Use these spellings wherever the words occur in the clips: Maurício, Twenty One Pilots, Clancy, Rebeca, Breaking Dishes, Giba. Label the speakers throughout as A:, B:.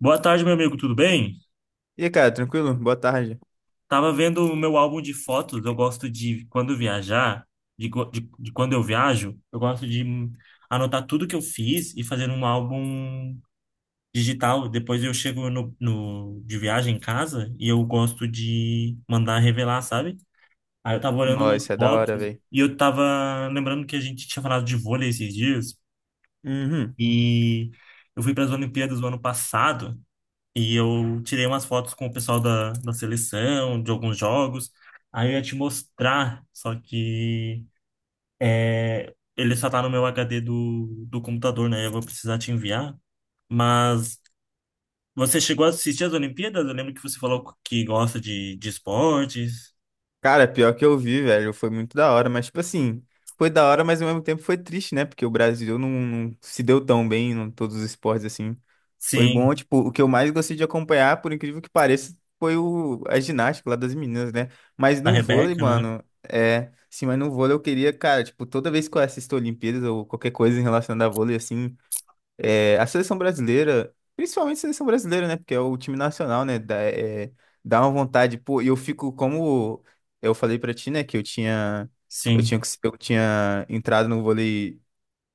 A: Boa tarde, meu amigo, tudo bem?
B: E aí, cara, tranquilo? Boa tarde.
A: Tava vendo o meu álbum de fotos. Eu gosto de, quando viajar, de quando eu viajo, eu gosto de anotar tudo que eu fiz e fazer um álbum digital. Depois eu chego de viagem em casa e eu gosto de mandar revelar, sabe? Aí eu tava olhando
B: Nossa,
A: umas
B: isso é da hora,
A: fotos
B: velho.
A: e eu tava lembrando que a gente tinha falado de vôlei esses dias
B: Uhum.
A: e eu fui para as Olimpíadas do ano passado. E eu tirei umas fotos com o pessoal da seleção, de alguns jogos. Aí eu ia te mostrar, só que é, ele só tá no meu HD do computador, né? Eu vou precisar te enviar. Mas você chegou a assistir as Olimpíadas? Eu lembro que você falou que gosta de esportes.
B: Cara, pior que eu vi, velho, foi muito da hora, mas, tipo assim, foi da hora, mas ao mesmo tempo foi triste, né? Porque o Brasil não se deu tão bem em todos os esportes, assim. Foi bom,
A: Sim,
B: tipo, o que eu mais gostei de acompanhar, por incrível que pareça, foi a ginástica lá das meninas, né? Mas
A: a
B: no vôlei,
A: Rebeca, né?
B: mano, é. Sim, mas no vôlei eu queria, cara, tipo, toda vez que eu assisto Olimpíadas ou qualquer coisa relacionada a vôlei, assim. É, a seleção brasileira, principalmente a seleção brasileira, né? Porque é o time nacional, né? Dá, é, dá uma vontade, pô, e eu fico como eu falei pra ti, né? Que eu tinha, eu
A: Sim,
B: tinha, eu tinha entrado no vôlei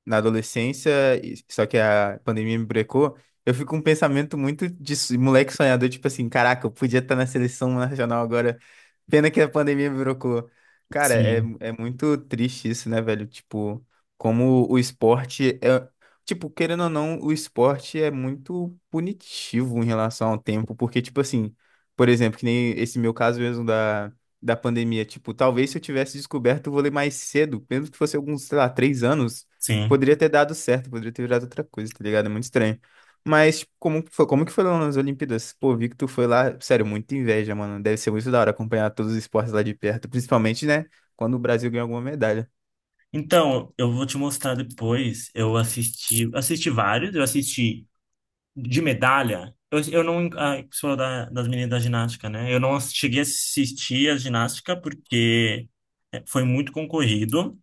B: na adolescência, só que a pandemia me brecou, eu fico com um pensamento muito de moleque sonhador, tipo assim, caraca, eu podia estar na seleção nacional agora, pena que a pandemia me brecou. Cara,
A: sim,
B: é muito triste isso, né, velho? Tipo, como o esporte é. Tipo, querendo ou não, o esporte é muito punitivo em relação ao tempo, porque, tipo assim, por exemplo, que nem esse meu caso mesmo da pandemia, tipo, talvez se eu tivesse descoberto o vôlei mais cedo, mesmo que fosse alguns, sei lá, três anos,
A: sim.
B: poderia ter dado certo, poderia ter virado outra coisa, tá ligado? É muito estranho. Mas tipo, como que foi lá nas Olimpíadas? Pô, vi que tu foi lá, sério, muita inveja, mano. Deve ser muito da hora acompanhar todos os esportes lá de perto, principalmente, né, quando o Brasil ganha alguma medalha.
A: Então, eu vou te mostrar depois. Eu assisti, assisti vários. Eu assisti de medalha, eu não. Ah, sou das meninas da ginástica, né? Eu não cheguei a assistir a ginástica porque é, foi muito concorrido,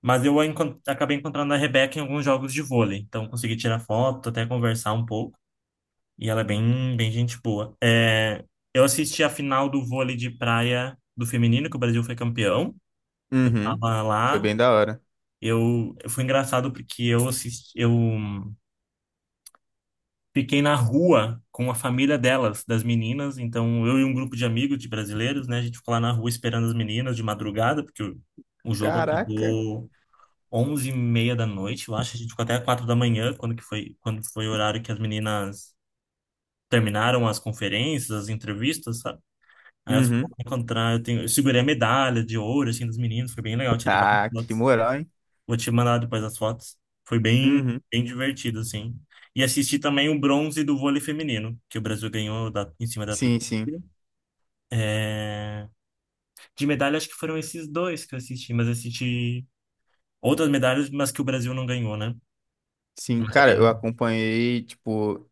A: mas eu acabei encontrando a Rebeca em alguns jogos de vôlei. Então consegui tirar foto, até conversar um pouco. E ela é bem, bem gente boa. É, eu assisti a final do vôlei de praia do feminino, que o Brasil foi campeão.
B: Uhum.
A: Tava
B: Foi
A: lá.
B: bem da hora.
A: Eu, foi engraçado porque eu fiquei na rua com a família delas, das meninas. Então, eu e um grupo de amigos de brasileiros, né? A gente ficou lá na rua esperando as meninas de madrugada, porque o jogo
B: Caraca.
A: acabou 11h30 da noite, eu acho. A gente ficou até 4 da manhã, quando foi o horário que as meninas terminaram as conferências, as entrevistas, sabe? Aí elas foram
B: Uhum.
A: encontrar. Eu segurei a medalha de ouro, assim, dos meninos. Foi bem legal, tirei várias
B: Ah, que
A: fotos.
B: moral, hein?
A: Vou te mandar depois as fotos. Foi bem,
B: Uhum.
A: bem divertido, assim. E assisti também o bronze do vôlei feminino, que o Brasil ganhou em cima da Turquia.
B: Sim, sim.
A: É, de medalha, acho que foram esses dois que eu assisti, mas assisti outras medalhas, mas que o Brasil não ganhou, né?
B: Sim,
A: Mas é
B: cara, eu
A: bem.
B: acompanhei, tipo,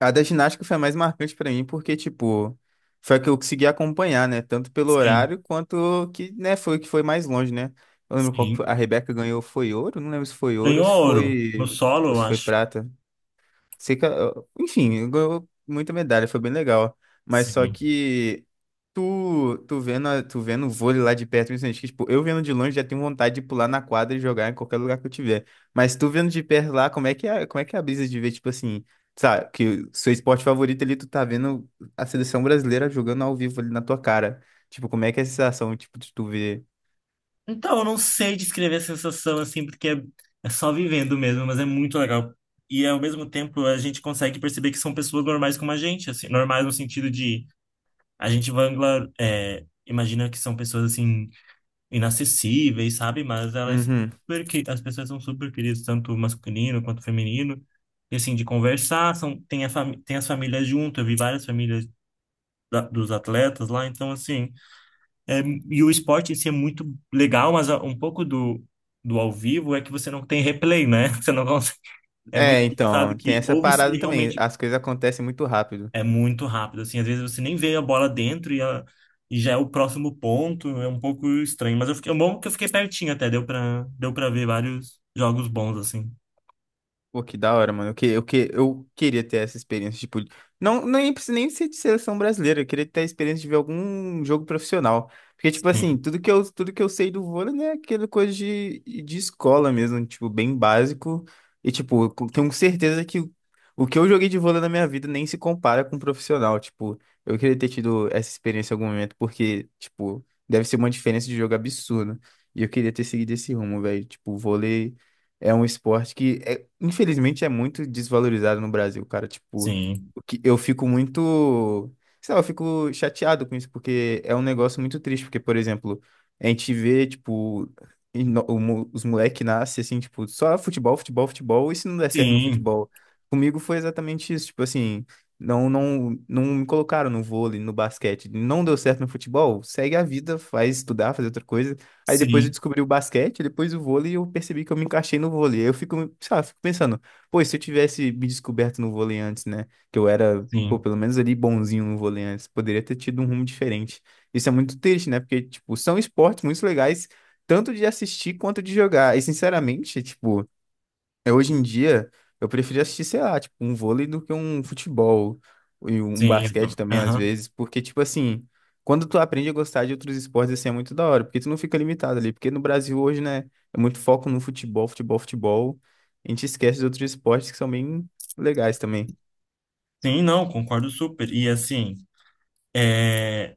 B: a da ginástica foi a mais marcante pra mim, porque, tipo, foi a que eu consegui acompanhar, né? Tanto pelo
A: Sim,
B: horário quanto que, né, foi o que foi mais longe, né? Eu lembro qual que foi. A
A: sim.
B: Rebeca ganhou, foi ouro? Não lembro se foi ouro
A: Ganhou ouro. No solo,
B: ou
A: eu
B: se foi
A: acho.
B: prata. Sei que, enfim, ganhou muita medalha, foi bem legal. Mas só
A: Sim.
B: que tu vendo, tu vendo o vôlei lá de perto, principalmente, que, tipo, eu vendo de longe já tenho vontade de pular na quadra e jogar em qualquer lugar que eu tiver. Mas tu vendo de perto lá, como é que é a brisa de ver, tipo assim, sabe, que o seu esporte favorito ali, tu tá vendo a seleção brasileira jogando ao vivo ali na tua cara. Tipo, como é que é a sensação, tipo, de tu ver?
A: Então, eu não sei descrever a sensação assim, porque é só vivendo mesmo, mas é muito legal. E ao mesmo tempo, a gente consegue perceber que são pessoas normais como a gente, assim, normais no sentido de é, imagina que são pessoas assim inacessíveis, sabe? Mas elas
B: Uhum.
A: super, as pessoas são super queridas, tanto masculino quanto feminino. E assim, de conversar, são, tem as famílias junto, eu vi várias famílias dos atletas lá, então assim, é, e o esporte em si é muito legal, mas um pouco do, do ao vivo é que você não tem replay, né? Você não consegue. É muito
B: É,
A: engraçado
B: então, tem
A: que
B: essa
A: ou você
B: parada também.
A: realmente
B: As coisas acontecem muito rápido.
A: é muito rápido, assim, às vezes você nem vê a bola dentro e já é o próximo ponto, é um pouco estranho. Mas eu fiquei, é bom que eu fiquei pertinho até, deu pra ver vários jogos bons, assim.
B: Pô, que da hora, mano. Eu queria ter essa experiência, tipo, não, nem precisa nem ser de seleção brasileira, eu queria ter a experiência de ver algum jogo profissional. Porque, tipo assim,
A: Sim,
B: tudo que eu sei do vôlei, né, é aquela coisa de escola mesmo, tipo, bem básico. E, tipo, tenho certeza que o que eu joguei de vôlei na minha vida nem se compara com um profissional. Tipo, eu queria ter tido essa experiência em algum momento, porque, tipo, deve ser uma diferença de jogo absurda. E eu queria ter seguido esse rumo, velho. Tipo, vôlei. É um esporte que, infelizmente, é muito desvalorizado no Brasil, cara. Tipo,
A: sim,
B: o que eu fico muito. Sei lá, eu fico chateado com isso, porque é um negócio muito triste. Porque, por exemplo, a gente vê, tipo, os moleques nascem assim, tipo, só futebol, futebol, futebol, e se não der certo no
A: sim,
B: futebol? Comigo foi exatamente isso. Tipo assim, não me colocaram no vôlei, no basquete. Não deu certo no futebol, segue a vida, faz estudar, fazer outra coisa. Aí depois eu
A: sim,
B: descobri o basquete, depois o vôlei, e eu percebi que eu me encaixei no vôlei. Aí eu fico, sei lá, fico pensando, pô, e se eu tivesse me descoberto no vôlei antes, né? Que eu era, pô,
A: sim,
B: pelo menos ali bonzinho no vôlei antes, poderia ter tido um rumo diferente. Isso é muito triste, né? Porque, tipo, são esportes muito legais, tanto de assistir quanto de jogar. E, sinceramente, tipo. É, hoje em dia, eu prefiro assistir, sei lá, tipo, um vôlei do que um futebol e um
A: sim.
B: basquete também, às
A: Aham.
B: vezes, porque, tipo assim, quando tu aprende a gostar de outros esportes, assim, é muito da hora, porque tu não fica limitado ali, porque no Brasil hoje, né, é muito foco no futebol, futebol, futebol, a gente esquece de outros esportes que são bem legais também.
A: Sim, não, concordo super. E assim. É,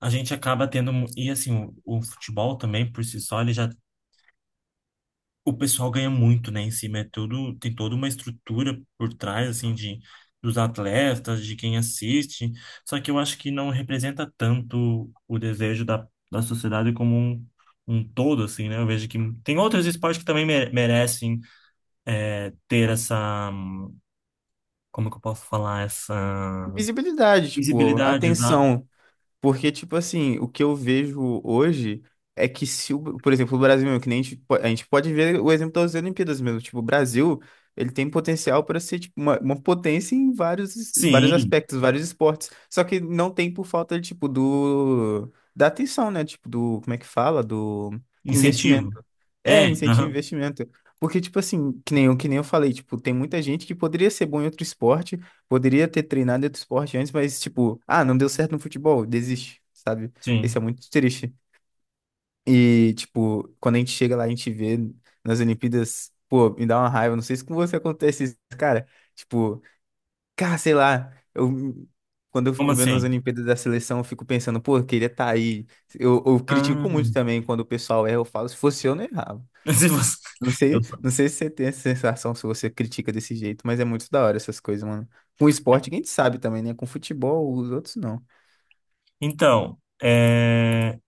A: a gente acaba tendo. E assim, o futebol também, por si só, ele já. O pessoal ganha muito, né, em cima. É tudo, tem toda uma estrutura por trás, assim, de, dos atletas, de quem assiste. Só que eu acho que não representa tanto o desejo da sociedade como um todo, assim, né? Eu vejo que tem outros esportes que também merecem é, ter essa. Como que eu posso falar? Essa
B: Visibilidade, tipo,
A: visibilidade, exato.
B: atenção. Porque, tipo assim, o que eu vejo hoje é que se, o, por exemplo, o Brasil, mesmo, que nem a gente, a gente pode ver o exemplo das Olimpíadas mesmo. Tipo, o Brasil, ele tem potencial para ser tipo, uma potência em vários, vários
A: Sim,
B: aspectos, vários esportes. Só que não tem por falta, tipo, da atenção, né? Tipo, do, como é que fala? Do
A: incentivo.
B: investimento.
A: É,
B: É, incentivo ao
A: aham,
B: investimento. Porque, tipo assim, que nem eu falei, tipo, tem muita gente que poderia ser bom em outro esporte, poderia ter treinado em outro esporte antes, mas, tipo, ah, não deu certo no futebol, desiste, sabe? Isso é
A: sim.
B: muito triste. E, tipo, quando a gente chega lá, a gente vê nas Olimpíadas, pô, me dá uma raiva, não sei se com você acontece isso, cara. Tipo, cara, sei lá, eu. Quando eu
A: Como
B: fico vendo as
A: assim?
B: Olimpíadas da seleção, eu fico pensando, pô, eu queria estar aí. Eu critico muito
A: Ah.
B: também quando o pessoal erra, eu falo, se fosse eu, não errava.
A: Se você- Eu sou.
B: Não sei se você tem essa sensação, se você critica desse jeito, mas é muito da hora essas coisas, mano. Com
A: É.
B: esporte, quem sabe também, né? Com futebol, os outros não.
A: Então, é,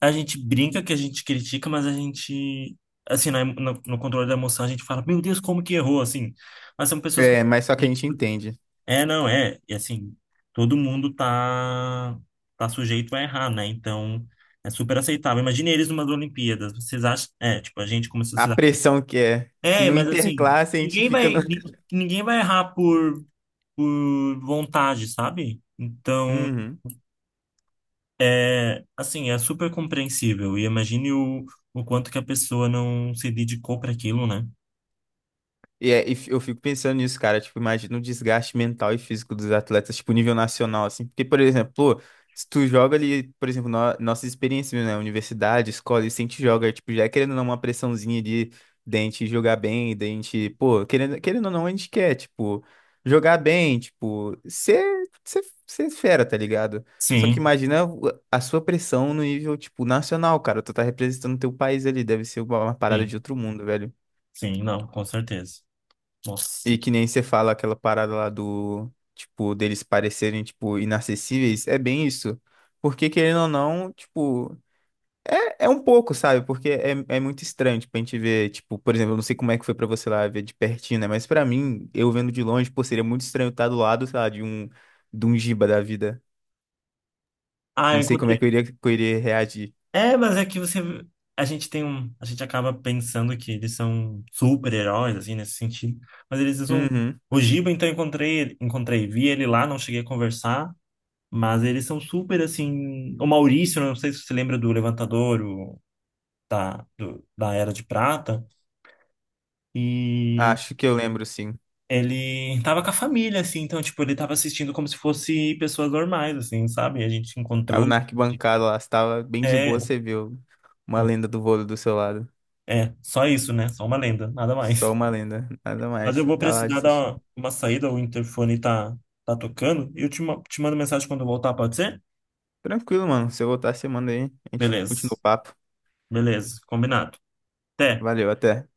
A: a gente brinca que a gente critica, mas a gente, assim, no controle da emoção, a gente fala, meu Deus, como que errou, assim. Mas são pessoas que...
B: É, mas só que a gente entende.
A: É, não, é. E assim, todo mundo tá, tá sujeito a errar, né? Então, é super aceitável. Imagine eles numas Olimpíadas. Vocês acham... É, tipo, a gente como
B: A
A: sociedade...
B: pressão que é. Se
A: É,
B: não
A: mas assim,
B: interclasse, a gente fica no.
A: ninguém vai errar por vontade, sabe? Então...
B: Uhum.
A: É, assim, é super compreensível. E imagine o quanto que a pessoa não se dedicou para aquilo, né?
B: Eu fico pensando nisso, cara. Tipo, imagina o desgaste mental e físico dos atletas, tipo, nível nacional, assim. Porque, por exemplo, pô, se tu joga ali, por exemplo, no, nossas experiências, né? Universidade, escola, e se a gente joga, tipo, já é querendo ou não uma pressãozinha de dente jogar bem, dente, pô, querendo, querendo ou não, a gente quer, tipo, jogar bem, tipo, ser, ser fera, tá ligado? Só que
A: Sim,
B: imagina a sua pressão no nível, tipo, nacional, cara. Tu tá representando teu país ali, deve ser uma parada de
A: sim,
B: outro mundo, velho.
A: sim, não, com certeza. Nossa.
B: E que nem você fala aquela parada lá do, tipo, deles parecerem, tipo, inacessíveis, é bem isso. Porque, querendo ou não, tipo, é, é um pouco, sabe? Porque é muito estranho, tipo, a gente ver, tipo, por exemplo, eu não sei como é que foi pra você lá ver de pertinho, né? Mas pra mim, eu vendo de longe, pô, seria muito estranho estar do lado, sei lá, de um Giba da vida.
A: Ah, eu
B: Não sei como
A: encontrei.
B: é que eu iria reagir.
A: É, mas é que você. A gente tem um. A gente acaba pensando que eles são super-heróis, assim, nesse sentido. Mas eles são.
B: Uhum.
A: O Giba, então, eu encontrei, encontrei, vi ele lá, não cheguei a conversar. Mas eles são super, assim. O Maurício, não sei se você lembra do Levantador, o, da Era de Prata. E
B: Acho que eu lembro, sim.
A: ele tava com a família, assim, então, tipo, ele tava assistindo como se fosse pessoas normais, assim, sabe? A gente
B: Tava
A: encontrou.
B: na arquibancada lá, você tava bem de boa,
A: É,
B: você viu uma
A: hum,
B: lenda do vôlei do seu lado.
A: é, só isso, né? Só uma lenda, nada
B: Só
A: mais.
B: uma lenda, nada
A: Mas
B: mais.
A: eu
B: Você
A: vou
B: tá lá de
A: precisar dar
B: assistindo.
A: uma saída, o interfone tá, tá tocando, e eu te, te mando mensagem quando eu voltar, pode ser?
B: Tranquilo, mano. Se eu voltar, você manda aí. A gente continua
A: Beleza,
B: o papo.
A: beleza, combinado. Até.
B: Valeu, até.